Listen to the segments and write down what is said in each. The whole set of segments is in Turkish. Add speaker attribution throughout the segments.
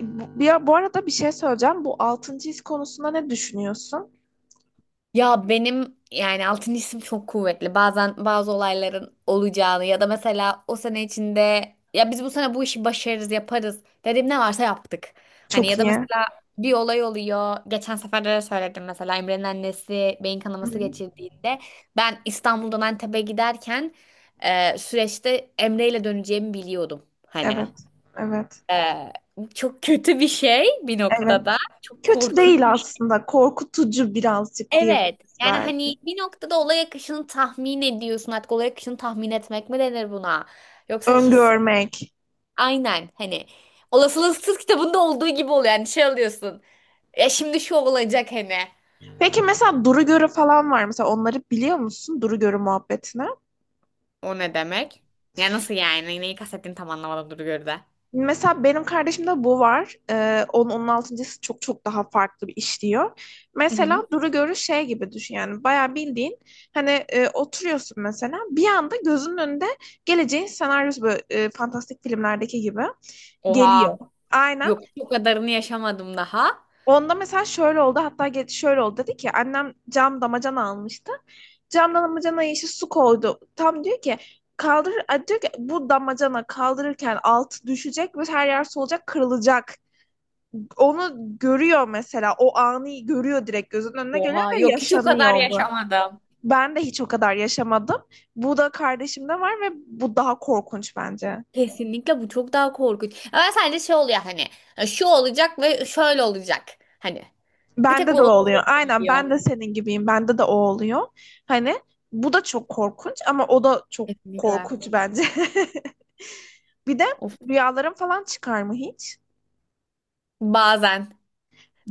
Speaker 1: Bu, bir, bu arada bir şey söyleyeceğim. Bu altıncı his konusunda ne düşünüyorsun?
Speaker 2: Ya benim yani altıncı isim çok kuvvetli. Bazen bazı olayların olacağını ya da mesela o sene içinde ya biz bu sene bu işi başarırız, yaparız dediğim ne varsa yaptık. Hani
Speaker 1: Çok
Speaker 2: ya da
Speaker 1: iyi.
Speaker 2: mesela bir olay oluyor. Geçen sefer de söyledim mesela Emre'nin annesi beyin
Speaker 1: Hı
Speaker 2: kanaması
Speaker 1: hı.
Speaker 2: geçirdiğinde ben İstanbul'dan Antep'e giderken süreçte Emre ile döneceğimi biliyordum. Hani
Speaker 1: Evet, evet,
Speaker 2: e, çok kötü bir şey bir
Speaker 1: evet.
Speaker 2: noktada. Çok
Speaker 1: Kötü
Speaker 2: korkunç.
Speaker 1: değil aslında. Korkutucu birazcık
Speaker 2: Evet.
Speaker 1: diyebiliriz
Speaker 2: Yani
Speaker 1: belki.
Speaker 2: hani bir noktada olay akışını tahmin ediyorsun. Artık olay akışını tahmin etmek mi denir buna? Yoksa hisse.
Speaker 1: Öngörmek.
Speaker 2: Aynen. Hani olasılıksız kitabında olduğu gibi oluyor. Yani şey alıyorsun. Ya şimdi şu olacak hani.
Speaker 1: Peki mesela duru görü falan var. Mesela onları biliyor musun? Duru görü muhabbetini.
Speaker 2: O ne demek? Ya nasıl yani? Neyi kastettiğini tam anlamadım dur gör de.
Speaker 1: Mesela benim kardeşimde bu var. Onun, on altıncısı çok çok daha farklı bir işliyor.
Speaker 2: Hı hı.
Speaker 1: Mesela duru görü şey gibi düşün yani bayağı bildiğin hani oturuyorsun mesela bir anda gözünün önünde geleceğin senaryosu böyle fantastik filmlerdeki gibi geliyor.
Speaker 2: Oha.
Speaker 1: Aynen.
Speaker 2: Yok hiç o kadarını yaşamadım daha.
Speaker 1: Onda mesela şöyle oldu hatta şöyle oldu dedi ki annem cam damacana almıştı. Cam damacanaya işte su koydu. Tam diyor ki kaldır diyor ki bu damacana kaldırırken altı düşecek ve her yer solacak kırılacak. Onu görüyor mesela. O anı görüyor direkt gözünün önüne geliyor
Speaker 2: Oha.
Speaker 1: ve
Speaker 2: Yok hiç o kadar
Speaker 1: yaşanıyor bu.
Speaker 2: yaşamadım.
Speaker 1: Ben de hiç o kadar yaşamadım. Bu da kardeşimde var ve bu daha korkunç bence.
Speaker 2: Kesinlikle bu çok daha korkunç. Ama sadece şey oluyor hani. Şu olacak ve şöyle olacak. Hani. Bir tek o
Speaker 1: Bende de o
Speaker 2: onu
Speaker 1: oluyor.
Speaker 2: şey
Speaker 1: Aynen
Speaker 2: biliyor.
Speaker 1: ben de senin gibiyim. Bende de o oluyor. Hani bu da çok korkunç ama o da çok
Speaker 2: Kesinlikle.
Speaker 1: korkunç bence. Bir de
Speaker 2: Of.
Speaker 1: rüyalarım falan çıkar mı hiç?
Speaker 2: Bazen.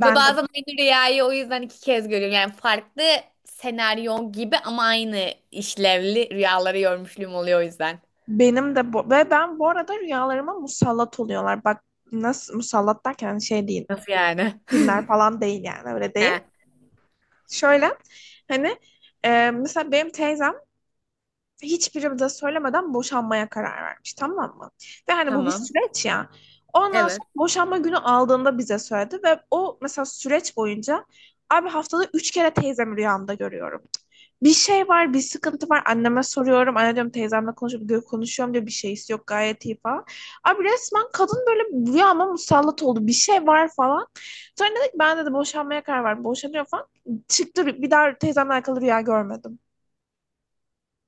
Speaker 2: Ve
Speaker 1: de
Speaker 2: bazen aynı rüyayı o yüzden 2 kez görüyorum. Yani farklı senaryo gibi ama aynı işlevli rüyaları görmüşlüğüm oluyor o yüzden.
Speaker 1: benim de bu, ve ben bu arada rüyalarıma musallat oluyorlar. Bak nasıl musallat derken şey değil.
Speaker 2: Nasıl yani?
Speaker 1: Cinler falan değil yani öyle
Speaker 2: He,
Speaker 1: değil. Şöyle hani mesela benim teyzem hiçbiri de söylemeden boşanmaya karar vermiş, tamam mı? Ve hani bu bir
Speaker 2: tamam.
Speaker 1: süreç ya. Ondan
Speaker 2: Evet.
Speaker 1: sonra boşanma günü aldığında bize söyledi ve o mesela süreç boyunca abi haftada üç kere teyzemi rüyamda görüyorum. Bir şey var, bir sıkıntı var. Anneme soruyorum. Anne diyorum teyzemle konuşup konuşuyorum diyor. Bir şeysi yok gayet iyi falan. Abi resmen kadın böyle rüyama musallat oldu. Bir şey var falan. Sonra dedik ben dedi boşanmaya karar verdim. Boşanıyor falan. Çıktı bir daha teyzemle alakalı rüya görmedim.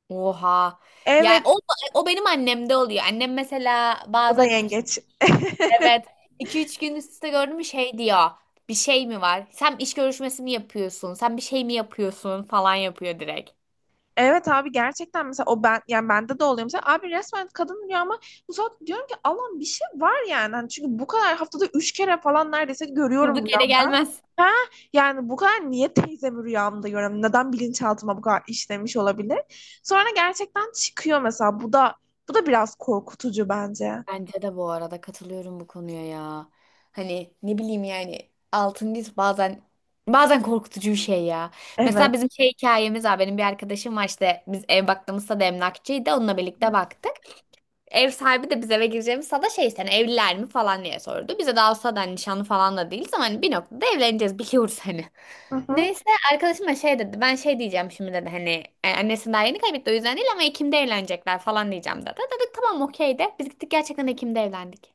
Speaker 2: Oha. Yani
Speaker 1: Evet,
Speaker 2: o benim annemde oluyor. Annem mesela
Speaker 1: o da
Speaker 2: bazen iki,
Speaker 1: yengeç.
Speaker 2: evet iki üç gün üst üste gördüm mü şey diyor. Bir şey mi var? Sen iş görüşmesi mi yapıyorsun? Sen bir şey mi yapıyorsun? Falan yapıyor direkt.
Speaker 1: Evet abi gerçekten mesela o ben yani bende de oluyor mesela abi resmen kadın rüyama ama bu saat diyorum ki Allah'ım bir şey var yani. Hani çünkü bu kadar haftada üç kere falan neredeyse görüyorum
Speaker 2: Durduk yere
Speaker 1: rüyamda.
Speaker 2: gelmez.
Speaker 1: Ha, yani bu kadar niye teyzemi rüyamda görüyorum, neden bilinçaltıma bu kadar işlemiş olabilir. Sonra gerçekten çıkıyor mesela bu da bu da biraz korkutucu bence.
Speaker 2: Bence de bu arada katılıyorum bu konuya ya. Hani ne bileyim yani altın diz bazen korkutucu bir şey ya. Mesela
Speaker 1: Evet.
Speaker 2: bizim şey hikayemiz var. Benim bir arkadaşım var işte biz ev baktığımızda da emlakçıydı. Onunla birlikte baktık. Ev sahibi de biz eve gireceğimiz sana şey işte hani evliler mi falan diye sordu. Bize daha o sırada hani nişanlı falan da değiliz ama hani bir noktada evleneceğiz biliyoruz hani.
Speaker 1: Hı hı.
Speaker 2: Neyse arkadaşım da şey dedi, ben şey diyeceğim şimdi dedi hani, annesi daha yeni kaybetti o yüzden değil ama Ekim'de evlenecekler falan diyeceğim dedi. Dedik tamam okey de biz gittik, gerçekten Ekim'de evlendik.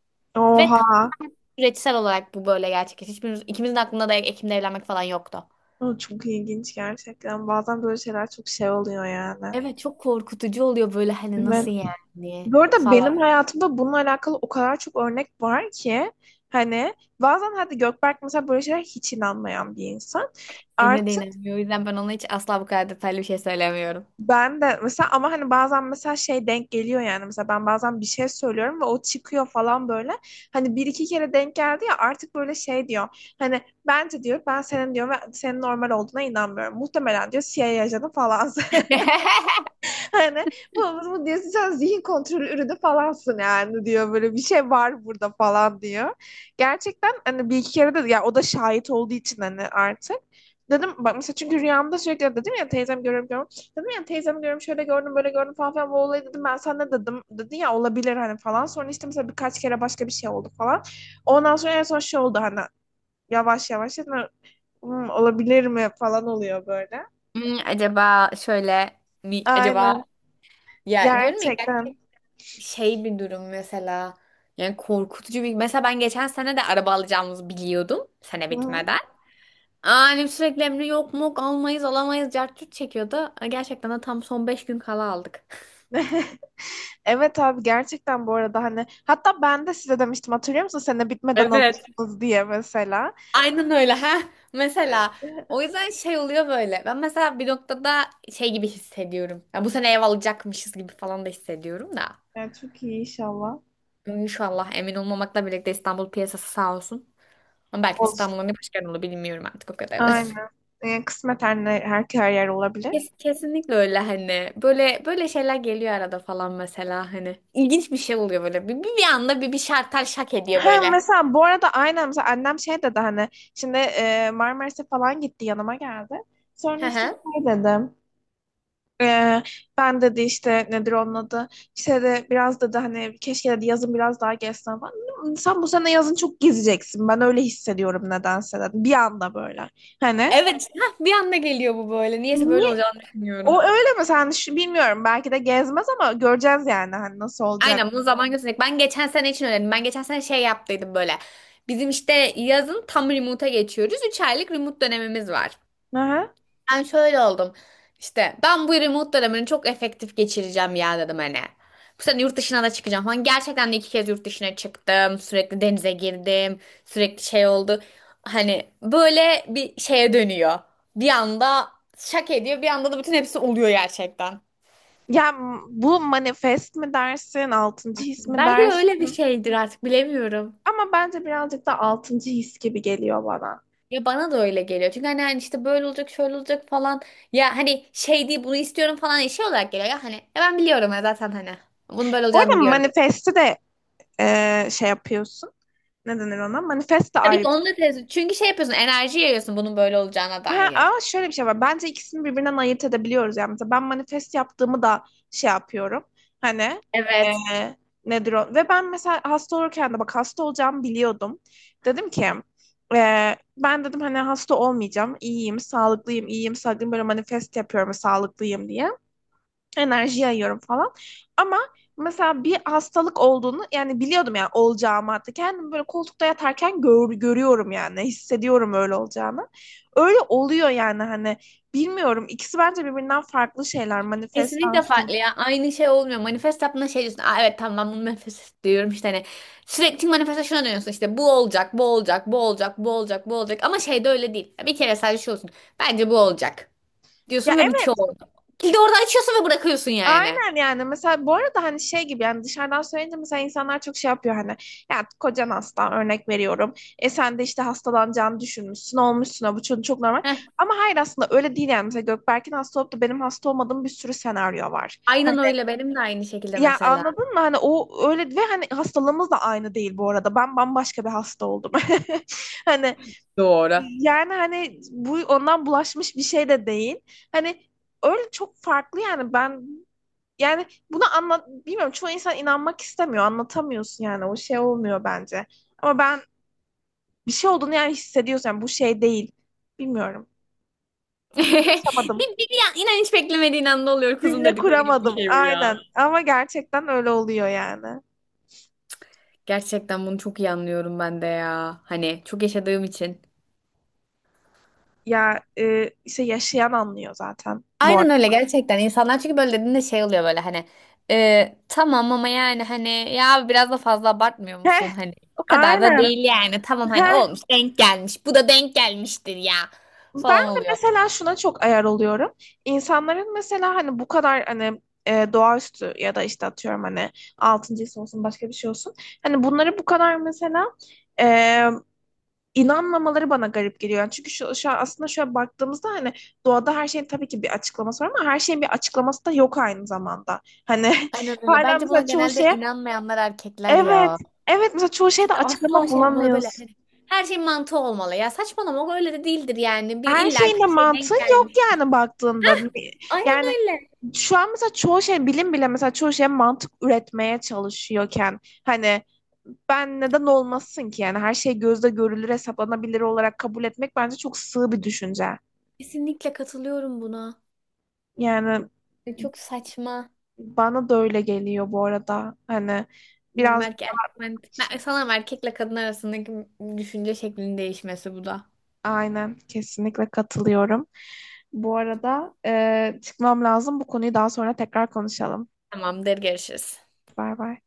Speaker 2: Ve tam
Speaker 1: Oha.
Speaker 2: süreçsel olarak bu böyle gerçekleşti. Hiçbirimiz, ikimizin aklında da Ekim'de evlenmek falan yoktu.
Speaker 1: O çok ilginç gerçekten. Bazen böyle şeyler çok şey oluyor yani.
Speaker 2: Evet, çok korkutucu oluyor böyle hani
Speaker 1: Evet.
Speaker 2: nasıl yani
Speaker 1: Bu arada
Speaker 2: falan.
Speaker 1: benim hayatımda bununla alakalı o kadar çok örnek var ki hani bazen hadi Gökberk mesela böyle şeyler hiç inanmayan bir insan.
Speaker 2: Emre de
Speaker 1: Artık
Speaker 2: inanmıyor, o yüzden ben ona hiç asla bu kadar detaylı bir şey söylemiyorum.
Speaker 1: ben de mesela ama hani bazen mesela şey denk geliyor yani mesela ben bazen bir şey söylüyorum ve o çıkıyor falan böyle. Hani bir iki kere denk geldi ya artık böyle şey diyor. Hani bence diyor ben senin diyor ve senin normal olduğuna inanmıyorum. Muhtemelen diyor CIA ajanı falan. Hani bu, bu diyorsun sen zihin kontrolü ürünü falansın yani diyor böyle bir şey var burada falan diyor. Gerçekten hani bir iki kere de ya o da şahit olduğu için hani artık dedim bak mesela çünkü rüyamda sürekli dedim ya teyzem görüyorum görüyorum. Dedim ya teyzem görüyorum şöyle gördüm böyle gördüm falan filan bu olayı dedim ben sana ne dedim dedi ya olabilir hani falan. Sonra işte mesela birkaç kere başka bir şey oldu falan. Ondan sonra en son şey oldu hani yavaş yavaş dedim, "Hmm, olabilir mi falan oluyor böyle.
Speaker 2: Acaba şöyle mi, acaba
Speaker 1: Aynen
Speaker 2: ya diyorum, ya gerçek
Speaker 1: gerçekten.
Speaker 2: şey bir durum mesela, yani korkutucu bir mesela ben geçen sene de araba alacağımızı biliyordum sene
Speaker 1: Hı hı.
Speaker 2: bitmeden. Annem sürekli emri yok mu, almayız alamayız cart curt çekiyordu. Gerçekten de tam son 5 gün kala aldık.
Speaker 1: Evet abi gerçekten bu arada hani hatta ben de size demiştim hatırlıyor musun sene bitmeden
Speaker 2: Evet.
Speaker 1: alırsınız diye mesela.
Speaker 2: Aynen öyle ha. Mesela
Speaker 1: Ee,
Speaker 2: o yüzden şey oluyor böyle. Ben mesela bir noktada şey gibi hissediyorum. Ya bu sene ev alacakmışız gibi falan da hissediyorum da.
Speaker 1: yani çok iyi inşallah.
Speaker 2: İnşallah, emin olmamakla birlikte İstanbul piyasası sağ olsun. Ama belki de
Speaker 1: Olsun.
Speaker 2: İstanbul'un ne başka olur bilmiyorum artık o kadarını.
Speaker 1: Aynen. Yani kısmet her, her, her yer olabilir.
Speaker 2: Kesinlikle öyle hani. Böyle böyle şeyler geliyor arada falan mesela hani. İlginç bir şey oluyor böyle. Bir anda bir şartel şak ediyor
Speaker 1: Ha,
Speaker 2: böyle.
Speaker 1: mesela bu arada aynen mesela annem şey dedi hani şimdi Marmaris'e falan gitti yanıma geldi. Sonra
Speaker 2: Hı
Speaker 1: işte
Speaker 2: hı.
Speaker 1: şey dedi. Ee, ben dedi işte nedir onun adı işte de biraz dedi hani keşke dedi yazın biraz daha gezsen falan. Sen bu sene yazın çok gezeceksin ben öyle hissediyorum nedense dedi bir anda böyle hani
Speaker 2: Evet. Hah, bir anda geliyor bu böyle. Niyeyse böyle
Speaker 1: niye
Speaker 2: olacağını düşünüyorum.
Speaker 1: o öyle mi sen şu, bilmiyorum belki de gezmez ama göreceğiz yani hani nasıl olacak.
Speaker 2: Aynen, bunu zaman gösterecek. Ben geçen sene için öğrendim. Ben geçen sene şey yaptıydım böyle. Bizim işte yazın tam remote'a geçiyoruz. 3 aylık remote dönemimiz var.
Speaker 1: Aha.
Speaker 2: Ben şöyle oldum. İşte ben bu remote dönemini çok efektif geçireceğim ya dedim hani. Bu sene yurt dışına da çıkacağım falan. Gerçekten de 2 kez yurt dışına çıktım. Sürekli denize girdim. Sürekli şey oldu. Hani böyle bir şeye dönüyor. Bir anda şak ediyor. Bir anda da bütün hepsi oluyor gerçekten.
Speaker 1: Ya bu manifest mi dersin altıncı his mi
Speaker 2: Belki de öyle bir
Speaker 1: dersin
Speaker 2: şeydir artık, bilemiyorum.
Speaker 1: ama bence birazcık da altıncı his gibi geliyor bana.
Speaker 2: Ya bana da öyle geliyor. Çünkü hani işte böyle olacak, şöyle olacak falan. Ya hani şey değil bunu istiyorum falan, şey olarak geliyor ya hani. Ya ben biliyorum ya zaten hani. Bunun böyle olacağını
Speaker 1: Orada
Speaker 2: biliyorum.
Speaker 1: manifesti de şey yapıyorsun. Ne denir ona? Manifest de
Speaker 2: Tabii ki
Speaker 1: ayrı.
Speaker 2: onu da tez. Çünkü şey yapıyorsun, enerji yayıyorsun bunun böyle olacağına
Speaker 1: Ha,
Speaker 2: dair.
Speaker 1: ama şöyle bir şey var. Bence ikisini birbirinden ayırt edebiliyoruz. Yani mesela ben manifest yaptığımı da şey yapıyorum. Hani e,
Speaker 2: Evet.
Speaker 1: nedir o? Ve ben mesela hasta olurken de bak hasta olacağımı biliyordum. Dedim ki ben dedim hani hasta olmayacağım. İyiyim, sağlıklıyım, iyiyim, sağlıklıyım. Böyle manifest yapıyorum sağlıklıyım diye. Enerji yayıyorum falan. Ama mesela bir hastalık olduğunu yani biliyordum yani olacağımı hatta kendim böyle koltukta yatarken görüyorum yani hissediyorum öyle olacağını. Öyle oluyor yani hani bilmiyorum ikisi bence birbirinden farklı şeyler manifest
Speaker 2: Kesinlikle farklı
Speaker 1: hastalık.
Speaker 2: ya. Aynı şey olmuyor. Manifest yaptığında şey diyorsun. Aa, evet tamam, ben bunu manifest diyorum işte hani. Sürekli manifeste şuna dönüyorsun, işte bu olacak, bu olacak, bu olacak, bu olacak, bu olacak. Ama şey de öyle değil. Bir kere sadece şey olsun. Bence bu olacak
Speaker 1: Ya
Speaker 2: diyorsun ve bitiyor
Speaker 1: evet.
Speaker 2: orada. Kilidi orada açıyorsun ve bırakıyorsun yani.
Speaker 1: Aynen yani mesela bu arada hani şey gibi yani dışarıdan söyleyince mesela insanlar çok şey yapıyor hani ya kocan hasta örnek veriyorum sen de işte hastalanacağını düşünmüşsün olmuşsun ha, bu çok, çok normal
Speaker 2: Heh.
Speaker 1: ama hayır aslında öyle değil yani mesela Gökberk'in hasta olup da benim hasta olmadığım bir sürü senaryo var hani
Speaker 2: Aynen öyle, benim de aynı şekilde
Speaker 1: ya
Speaker 2: mesela.
Speaker 1: anladın mı hani o öyle ve hani hastalığımız da aynı değil bu arada ben bambaşka bir hasta oldum. Hani
Speaker 2: Doğru.
Speaker 1: yani hani bu ondan bulaşmış bir şey de değil hani öyle çok farklı yani ben yani bunu anlat bilmiyorum çoğu insan inanmak istemiyor. Anlatamıyorsun yani o şey olmuyor bence. Ama ben bir şey olduğunu yani hissediyorsun. Yani bu şey değil. Bilmiyorum. Yaşamadım.
Speaker 2: Bir, bir, bir an- inan hiç beklemediğin anda oluyor kuzum
Speaker 1: Cümle
Speaker 2: dedikleri gibi bir
Speaker 1: kuramadım.
Speaker 2: şey bu ya.
Speaker 1: Aynen. Ama gerçekten öyle oluyor yani.
Speaker 2: Gerçekten bunu çok iyi anlıyorum ben de ya. Hani çok yaşadığım için.
Speaker 1: Ya işte yaşayan anlıyor zaten bu
Speaker 2: Aynen
Speaker 1: arada.
Speaker 2: öyle, gerçekten insanlar çünkü böyle dediğinde şey oluyor böyle hani, tamam ama yani hani ya biraz da fazla abartmıyor
Speaker 1: Heh,
Speaker 2: musun, hani o kadar da
Speaker 1: aynen.
Speaker 2: değil yani, tamam hani
Speaker 1: Heh,
Speaker 2: olmuş denk gelmiş bu da denk gelmiştir ya
Speaker 1: ben
Speaker 2: falan
Speaker 1: de
Speaker 2: oluyor.
Speaker 1: mesela şuna çok ayar oluyorum. İnsanların mesela hani bu kadar hani doğaüstü ya da işte atıyorum hani altıncı his olsun başka bir şey olsun. Hani bunları bu kadar mesela e, inanmamaları bana garip geliyor. Yani çünkü şu an aslında şöyle baktığımızda hani doğada her şeyin tabii ki bir açıklaması var ama her şeyin bir açıklaması da yok aynı zamanda. Hani
Speaker 2: Aynen öyle,
Speaker 1: hala
Speaker 2: bence buna
Speaker 1: mesela çoğu
Speaker 2: genelde
Speaker 1: şeye
Speaker 2: inanmayanlar erkekler
Speaker 1: evet,
Speaker 2: ya.
Speaker 1: evet mesela çoğu şeyde
Speaker 2: İşte asla
Speaker 1: açıklama
Speaker 2: şey yapmalı böyle
Speaker 1: bulamıyoruz.
Speaker 2: hani, her şey mantığı olmalı ya, saçmalama o öyle de değildir yani, bir
Speaker 1: Her
Speaker 2: illa
Speaker 1: şeyin
Speaker 2: ki
Speaker 1: de
Speaker 2: bir şey
Speaker 1: mantığı
Speaker 2: denk
Speaker 1: yok
Speaker 2: gelmiştir.
Speaker 1: yani baktığında.
Speaker 2: Aynen
Speaker 1: Yani
Speaker 2: öyle.
Speaker 1: şu an mesela çoğu şey bilim bile mesela çoğu şey mantık üretmeye çalışıyorken hani ben neden olmasın ki yani her şey gözle görülür hesaplanabilir olarak kabul etmek bence çok sığ bir düşünce.
Speaker 2: Kesinlikle katılıyorum buna.
Speaker 1: Yani
Speaker 2: Çok saçma.
Speaker 1: bana da öyle geliyor bu arada. Hani
Speaker 2: Bilmiyorum,
Speaker 1: biraz
Speaker 2: sanırım erkekle kadın arasındaki düşünce şeklinin değişmesi bu da.
Speaker 1: aynen kesinlikle katılıyorum. Bu arada çıkmam lazım. Bu konuyu daha sonra tekrar konuşalım.
Speaker 2: Tamamdır, görüşürüz.
Speaker 1: Bay bay.